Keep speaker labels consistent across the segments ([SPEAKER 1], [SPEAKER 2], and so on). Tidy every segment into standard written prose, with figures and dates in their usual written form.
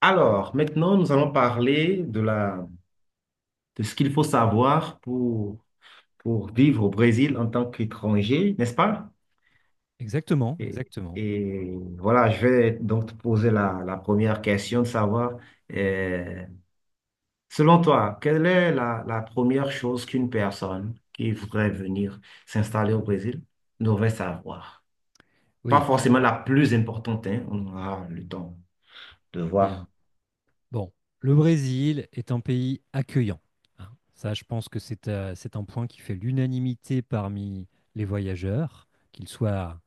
[SPEAKER 1] Alors, maintenant, nous allons parler de ce qu'il faut savoir pour vivre au Brésil en tant qu'étranger, n'est-ce pas?
[SPEAKER 2] Exactement,
[SPEAKER 1] Et,
[SPEAKER 2] exactement.
[SPEAKER 1] et voilà, je vais donc te poser la première question de savoir, euh, selon toi, quelle est la première chose qu'une personne qui voudrait venir s'installer au Brésil devrait savoir? Pas
[SPEAKER 2] Oui, alors
[SPEAKER 1] forcément la plus importante, hein, on aura le temps de
[SPEAKER 2] bien.
[SPEAKER 1] voir.
[SPEAKER 2] Bon, le Brésil est un pays accueillant, hein. Ça, je pense que c'est un point qui fait l'unanimité parmi les voyageurs, qu'ils soient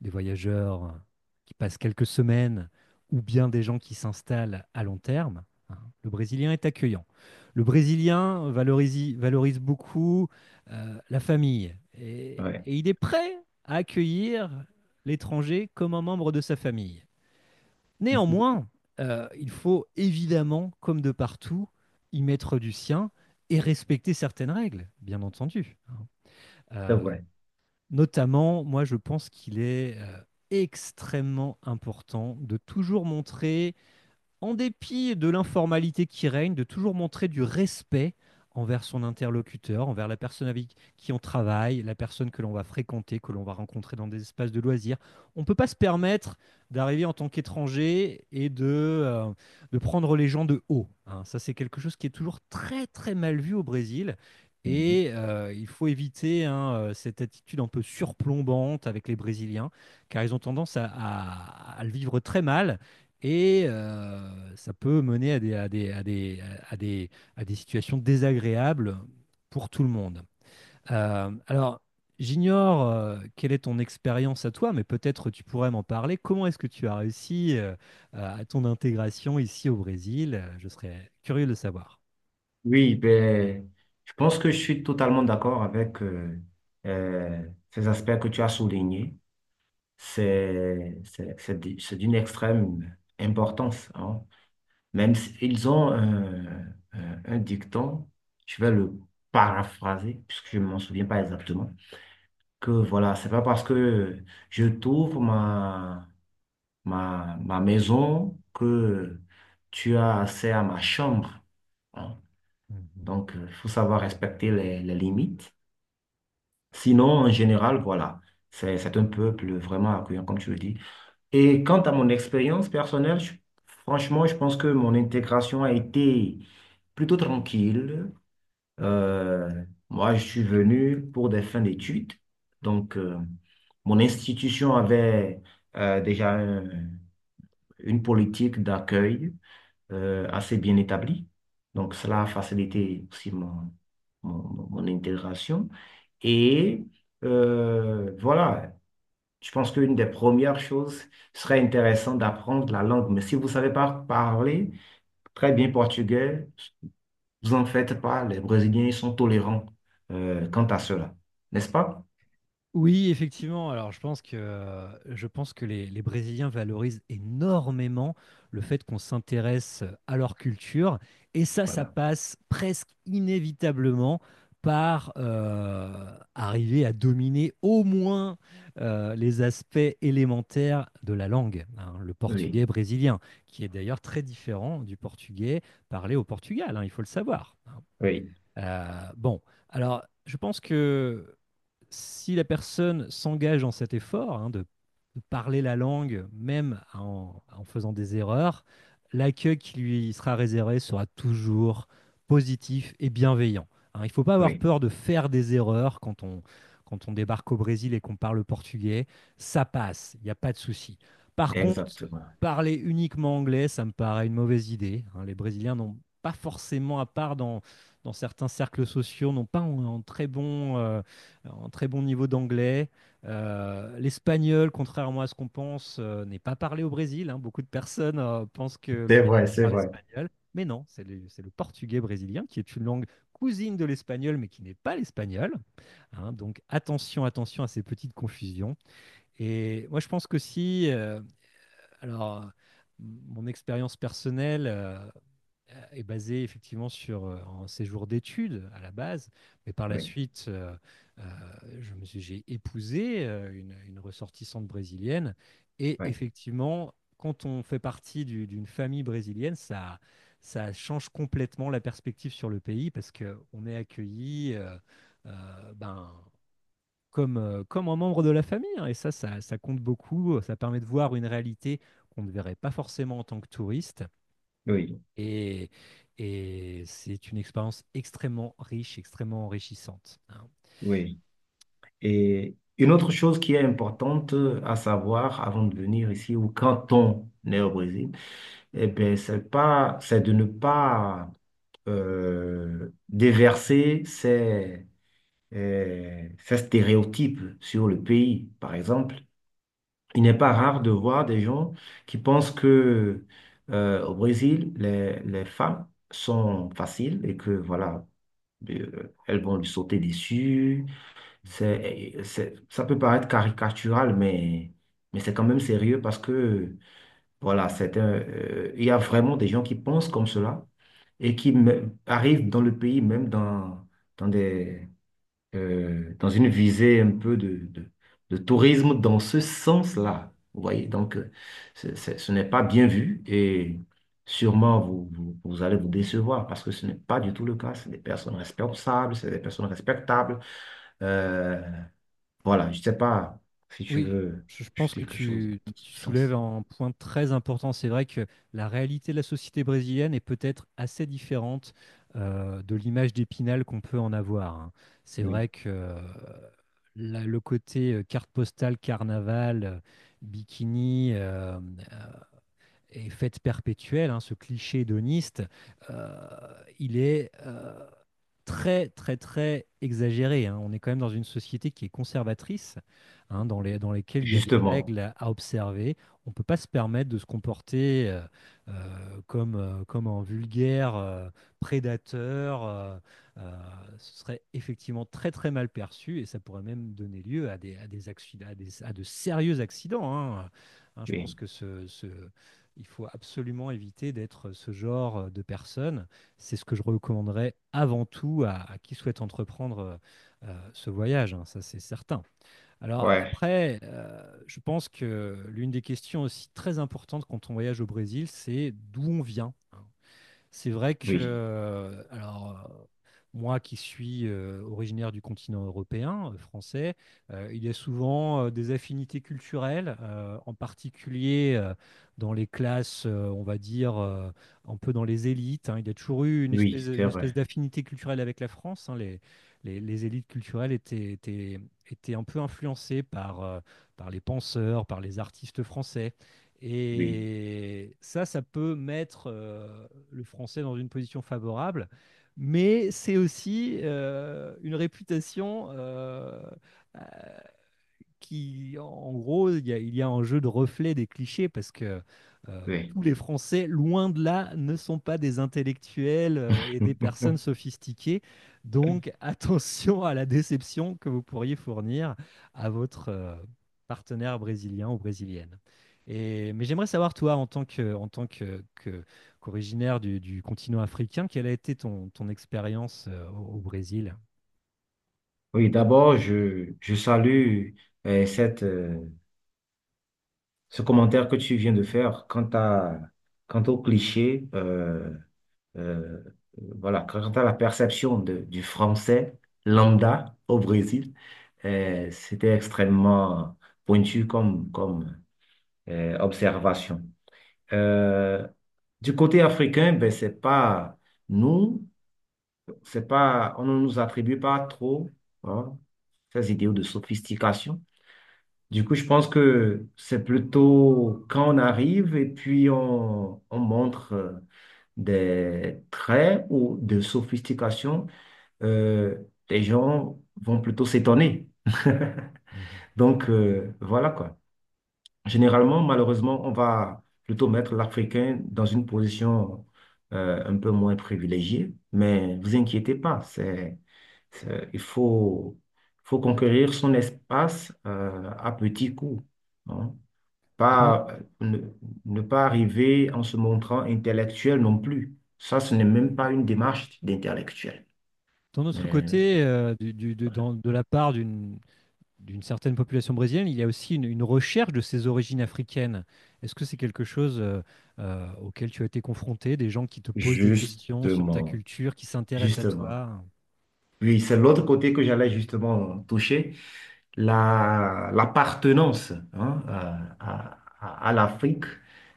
[SPEAKER 2] des voyageurs qui passent quelques semaines ou bien des gens qui s'installent à long terme, hein. Le Brésilien est accueillant. Le Brésilien valorise beaucoup la famille, et
[SPEAKER 1] Ouais,
[SPEAKER 2] il est prêt à accueillir l'étranger comme un membre de sa famille. Néanmoins, il faut évidemment, comme de partout, y mettre du sien et respecter certaines règles, bien entendu.
[SPEAKER 1] c'est
[SPEAKER 2] Euh,
[SPEAKER 1] vrai.
[SPEAKER 2] notamment, moi, je pense qu'il est extrêmement important de toujours montrer, en dépit de l'informalité qui règne, de toujours montrer du respect envers son interlocuteur, envers la personne avec qui on travaille, la personne que l'on va fréquenter, que l'on va rencontrer dans des espaces de loisirs. On ne peut pas se permettre d'arriver en tant qu'étranger et de prendre les gens de haut, hein. Ça, c'est quelque chose qui est toujours très, très mal vu au Brésil. Et il faut éviter, hein, cette attitude un peu surplombante avec les Brésiliens, car ils ont tendance à le vivre très mal, et ça peut mener à des, à des situations désagréables pour tout le monde. Alors, j'ignore quelle est ton expérience à toi, mais peut-être tu pourrais m'en parler. Comment est-ce que tu as réussi à ton intégration ici au Brésil? Je serais curieux de le savoir.
[SPEAKER 1] Oui, ben, je pense que je suis totalement d'accord avec euh, ces aspects que tu as soulignés. C'est d'une extrême importance. Hein. Même s'ils ont un dicton, je vais le paraphraser, puisque je ne m'en souviens pas exactement, que voilà, c'est pas parce que je t'ouvre ma maison que tu as accès à ma chambre. Hein.
[SPEAKER 2] Mhm.
[SPEAKER 1] Donc, il faut savoir respecter les limites. Sinon, en général, voilà, c'est un peuple vraiment accueillant, comme tu le dis. Et quant à mon expérience personnelle, franchement, je pense que mon intégration a été plutôt tranquille. Moi, je suis venu pour des fins d'études. Donc, mon institution avait euh, déjà un- une politique d'accueil assez bien établi. Donc, cela a facilité aussi mon intégration. Et voilà, je pense qu'une des premières choses serait intéressant d'apprendre la langue. Mais si vous ne savez pas parler très bien portugais, vous en faites pas. Les Brésiliens sont tolérants quant à cela, n'est-ce pas?
[SPEAKER 2] Oui, effectivement. Alors, je pense que les Brésiliens valorisent énormément le fait qu'on s'intéresse à leur culture. Et ça
[SPEAKER 1] Voilà.
[SPEAKER 2] passe presque inévitablement par arriver à dominer au moins les aspects élémentaires de la langue, hein, le
[SPEAKER 1] Oui,
[SPEAKER 2] portugais brésilien, qui est d'ailleurs très différent du portugais parlé au Portugal, hein, il faut le savoir, hein.
[SPEAKER 1] oui,
[SPEAKER 2] Bon, alors, je pense que si la personne s'engage dans cet effort, hein, de parler la langue, même en faisant des erreurs, l'accueil qui lui sera réservé sera toujours positif et bienveillant, hein. Il ne faut pas avoir
[SPEAKER 1] oui,
[SPEAKER 2] peur de faire des erreurs quand on débarque au Brésil et qu'on parle portugais. Ça passe, il n'y a pas de souci. Par contre,
[SPEAKER 1] exactement.
[SPEAKER 2] parler uniquement anglais, ça me paraît une mauvaise idée, hein. Les Brésiliens n'ont pas forcément, à part dans certains cercles sociaux, n'ont pas un très bon, en très bon niveau d'anglais. L'espagnol, contrairement à ce qu'on pense, n'est pas parlé au Brésil, hein. Beaucoup de personnes pensent que le
[SPEAKER 1] C'est
[SPEAKER 2] Brésil
[SPEAKER 1] vrai, c'est
[SPEAKER 2] parle
[SPEAKER 1] vrai.
[SPEAKER 2] espagnol, mais non, c'est c'est le portugais brésilien, qui est une langue cousine de l'espagnol, mais qui n'est pas l'espagnol, hein. Donc attention, attention à ces petites confusions. Et moi, je pense que si, alors, mon expérience personnelle, est basé effectivement sur un séjour d'études à la base, mais par la
[SPEAKER 1] Oui,
[SPEAKER 2] suite, euh, j'ai épousé une ressortissante brésilienne. Et
[SPEAKER 1] oui,
[SPEAKER 2] effectivement, quand on fait partie d'une famille brésilienne, ça change complètement la perspective sur le pays, parce qu'on est accueilli ben, comme, comme un membre de la famille, hein. Et ça compte beaucoup. Ça permet de voir une réalité qu'on ne verrait pas forcément en tant que touriste.
[SPEAKER 1] oui,
[SPEAKER 2] Et, et c'est une expérience extrêmement riche, extrêmement enrichissante, hein.
[SPEAKER 1] oui. Et une autre chose qui est importante à savoir avant de venir ici ou quand on est au Brésil, eh ben, c'est de ne pas déverser ces stéréotypes sur le pays. Par exemple, il n'est pas rare de voir des gens qui pensent que au Brésil, les femmes sont faciles et que voilà, elles vont lui sauter dessus ça peut paraître caricatural, mais c'est quand même sérieux parce que, voilà, il y a vraiment des gens qui pensent comme cela et arrivent dans le pays, même dans des, dans une visée un peu de tourisme dans ce sens-là. Vous voyez, donc, ce n'est pas bien vu et sûrement vous allez vous décevoir parce que ce n'est pas du tout le cas. C'est des personnes responsables, c'est des personnes respectables. Euh, voilà, je sais pas si tu
[SPEAKER 2] Oui,
[SPEAKER 1] veux
[SPEAKER 2] je pense
[SPEAKER 1] ajouter
[SPEAKER 2] que
[SPEAKER 1] quelque chose dans ce
[SPEAKER 2] tu soulèves
[SPEAKER 1] sens.
[SPEAKER 2] un point très important. C'est vrai que la réalité de la société brésilienne est peut-être assez différente, de l'image d'Épinal qu'on peut en avoir, hein. C'est
[SPEAKER 1] Oui,
[SPEAKER 2] vrai que le côté carte postale, carnaval, bikini, et fête perpétuelle, hein, ce cliché hédoniste, euh, il est, très, très, très exagéré, hein. On est quand même dans une société qui est conservatrice, hein, dans dans lesquelles il y a des
[SPEAKER 1] justement.
[SPEAKER 2] règles à observer. On ne peut pas se permettre de se comporter comme, comme un vulgaire prédateur. Euh, Ce serait effectivement très, très mal perçu, et ça pourrait même donner lieu à des accidents, à de sérieux accidents, hein. Hein, je pense
[SPEAKER 1] Oui,
[SPEAKER 2] que il faut absolument éviter d'être ce genre de personne. C'est ce que je recommanderais avant tout à qui souhaite entreprendre ce voyage, hein, ça c'est certain. Alors
[SPEAKER 1] ouais,
[SPEAKER 2] après, je pense que l'une des questions aussi très importantes quand on voyage au Brésil, c'est d'où on vient. C'est vrai que,
[SPEAKER 1] oui,
[SPEAKER 2] alors, moi qui suis originaire du continent européen, français, il y a souvent des affinités culturelles, en particulier dans les classes, on va dire, un peu dans les élites, hein. Il y a toujours eu
[SPEAKER 1] oui, c'est
[SPEAKER 2] une espèce
[SPEAKER 1] vrai.
[SPEAKER 2] d'affinité culturelle avec la France, hein. Les élites culturelles étaient, étaient, étaient un peu influencées par, par les penseurs, par les artistes français.
[SPEAKER 1] Oui,
[SPEAKER 2] Et ça peut mettre le français dans une position favorable, mais c'est aussi une réputation qui, en gros, il y a un jeu de reflet des clichés, parce que euh,
[SPEAKER 1] oui.
[SPEAKER 2] tous les Français, loin de là, ne sont pas des intellectuels, et des personnes sophistiquées. Donc, attention à la déception que vous pourriez fournir à votre partenaire brésilien ou brésilienne. Et, mais j'aimerais savoir, toi, en tant que, qu'originaire du continent africain, quelle a été ton, ton expérience au Brésil?
[SPEAKER 1] Oui, d'abord, je salue euh, cette, euh, ce commentaire que tu viens de faire quant au cliché, euh, voilà, quant à la perception du français lambda au Brésil. C'était extrêmement pointu comme observation. Euh, du côté africain, ben, c'est pas nous, c'est pas, on ne nous attribue pas trop hein, ces idéaux de sophistication. Du coup, je pense que c'est plutôt quand on arrive et puis on montre des traits ou de sophistication, euh, les gens vont plutôt s'étonner.
[SPEAKER 2] Mhm.
[SPEAKER 1] Donc, voilà quoi. Généralement, malheureusement, on va plutôt mettre l'Africain dans une position un peu moins privilégiée, mais vous inquiétez pas, il faut, faut conquérir son espace à petits coups, hein. Pas, ne, ne pas arriver en se montrant intellectuel non plus. Ça, ce n'est même pas une démarche d'intellectuel.
[SPEAKER 2] D'un autre
[SPEAKER 1] Mais
[SPEAKER 2] côté, de la part d'une certaine population brésilienne, il y a aussi une recherche de ses origines africaines. Est-ce que c'est quelque chose auquel tu as été confronté, des gens qui te posent des questions sur ta
[SPEAKER 1] justement,
[SPEAKER 2] culture, qui s'intéressent à
[SPEAKER 1] justement.
[SPEAKER 2] toi?
[SPEAKER 1] Oui, c'est l'autre côté que j'allais justement toucher. La l'appartenance, hein, à l'Afrique,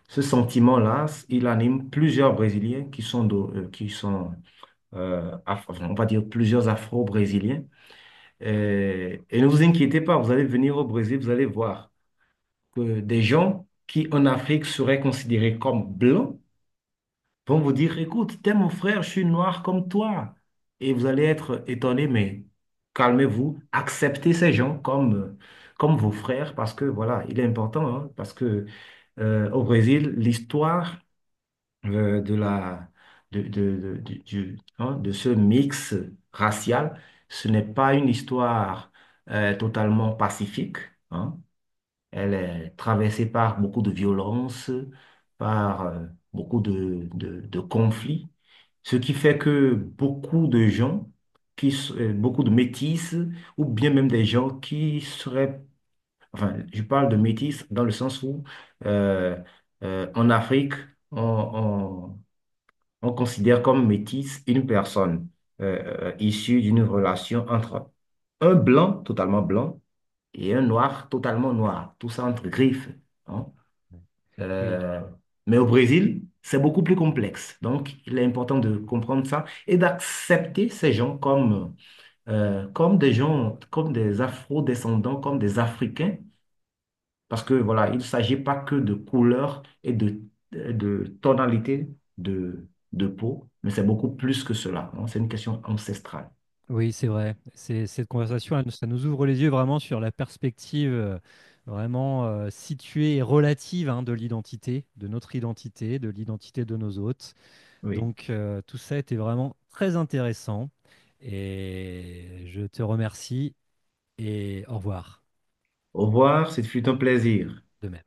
[SPEAKER 1] ce sentiment-là, il anime plusieurs Brésiliens qui sont enfin, on va dire plusieurs Afro-Brésiliens. Et et ne vous inquiétez pas, vous allez venir au Brésil, vous allez voir que des gens qui en Afrique seraient considérés comme blancs, vont vous dire, écoute, t'es mon frère, je suis noir comme toi. Et vous allez être étonné, mais calmez-vous, acceptez ces gens comme vos frères, parce que voilà, il est important, hein, parce que au Brésil, l'histoire de la de, de, de, du- hein, de ce mix racial, ce n'est pas une histoire totalement pacifique. Hein. Elle est traversée par beaucoup de violences, par beaucoup de conflits, ce qui fait que beaucoup de gens, beaucoup de métis, ou bien même des gens qui seraient, enfin, je parle de métis dans le sens où euh, en Afrique, on, on- on considère comme métis une personne issue d'une relation entre un blanc totalement blanc et un noir totalement noir, tout ça entre griffes. Hein.
[SPEAKER 2] Oui,
[SPEAKER 1] Euh, mais au Brésil, c'est beaucoup plus complexe. Donc, il est important de comprendre ça et d'accepter ces gens comme des gens, comme des Afro-descendants, comme des Africains, parce que voilà, il ne s'agit pas que de couleur et de tonalité de peau, mais c'est beaucoup plus que cela. Hein. C'est une question ancestrale.
[SPEAKER 2] oui, c'est vrai. C'est, cette conversation, ça nous ouvre les yeux vraiment sur la perspective, vraiment située et relative, hein, de l'identité, de notre identité, de l'identité de nos hôtes.
[SPEAKER 1] Oui.
[SPEAKER 2] Donc, tout ça était vraiment très intéressant, et je te remercie et au revoir
[SPEAKER 1] Au revoir, ce fut un plaisir.
[SPEAKER 2] de même.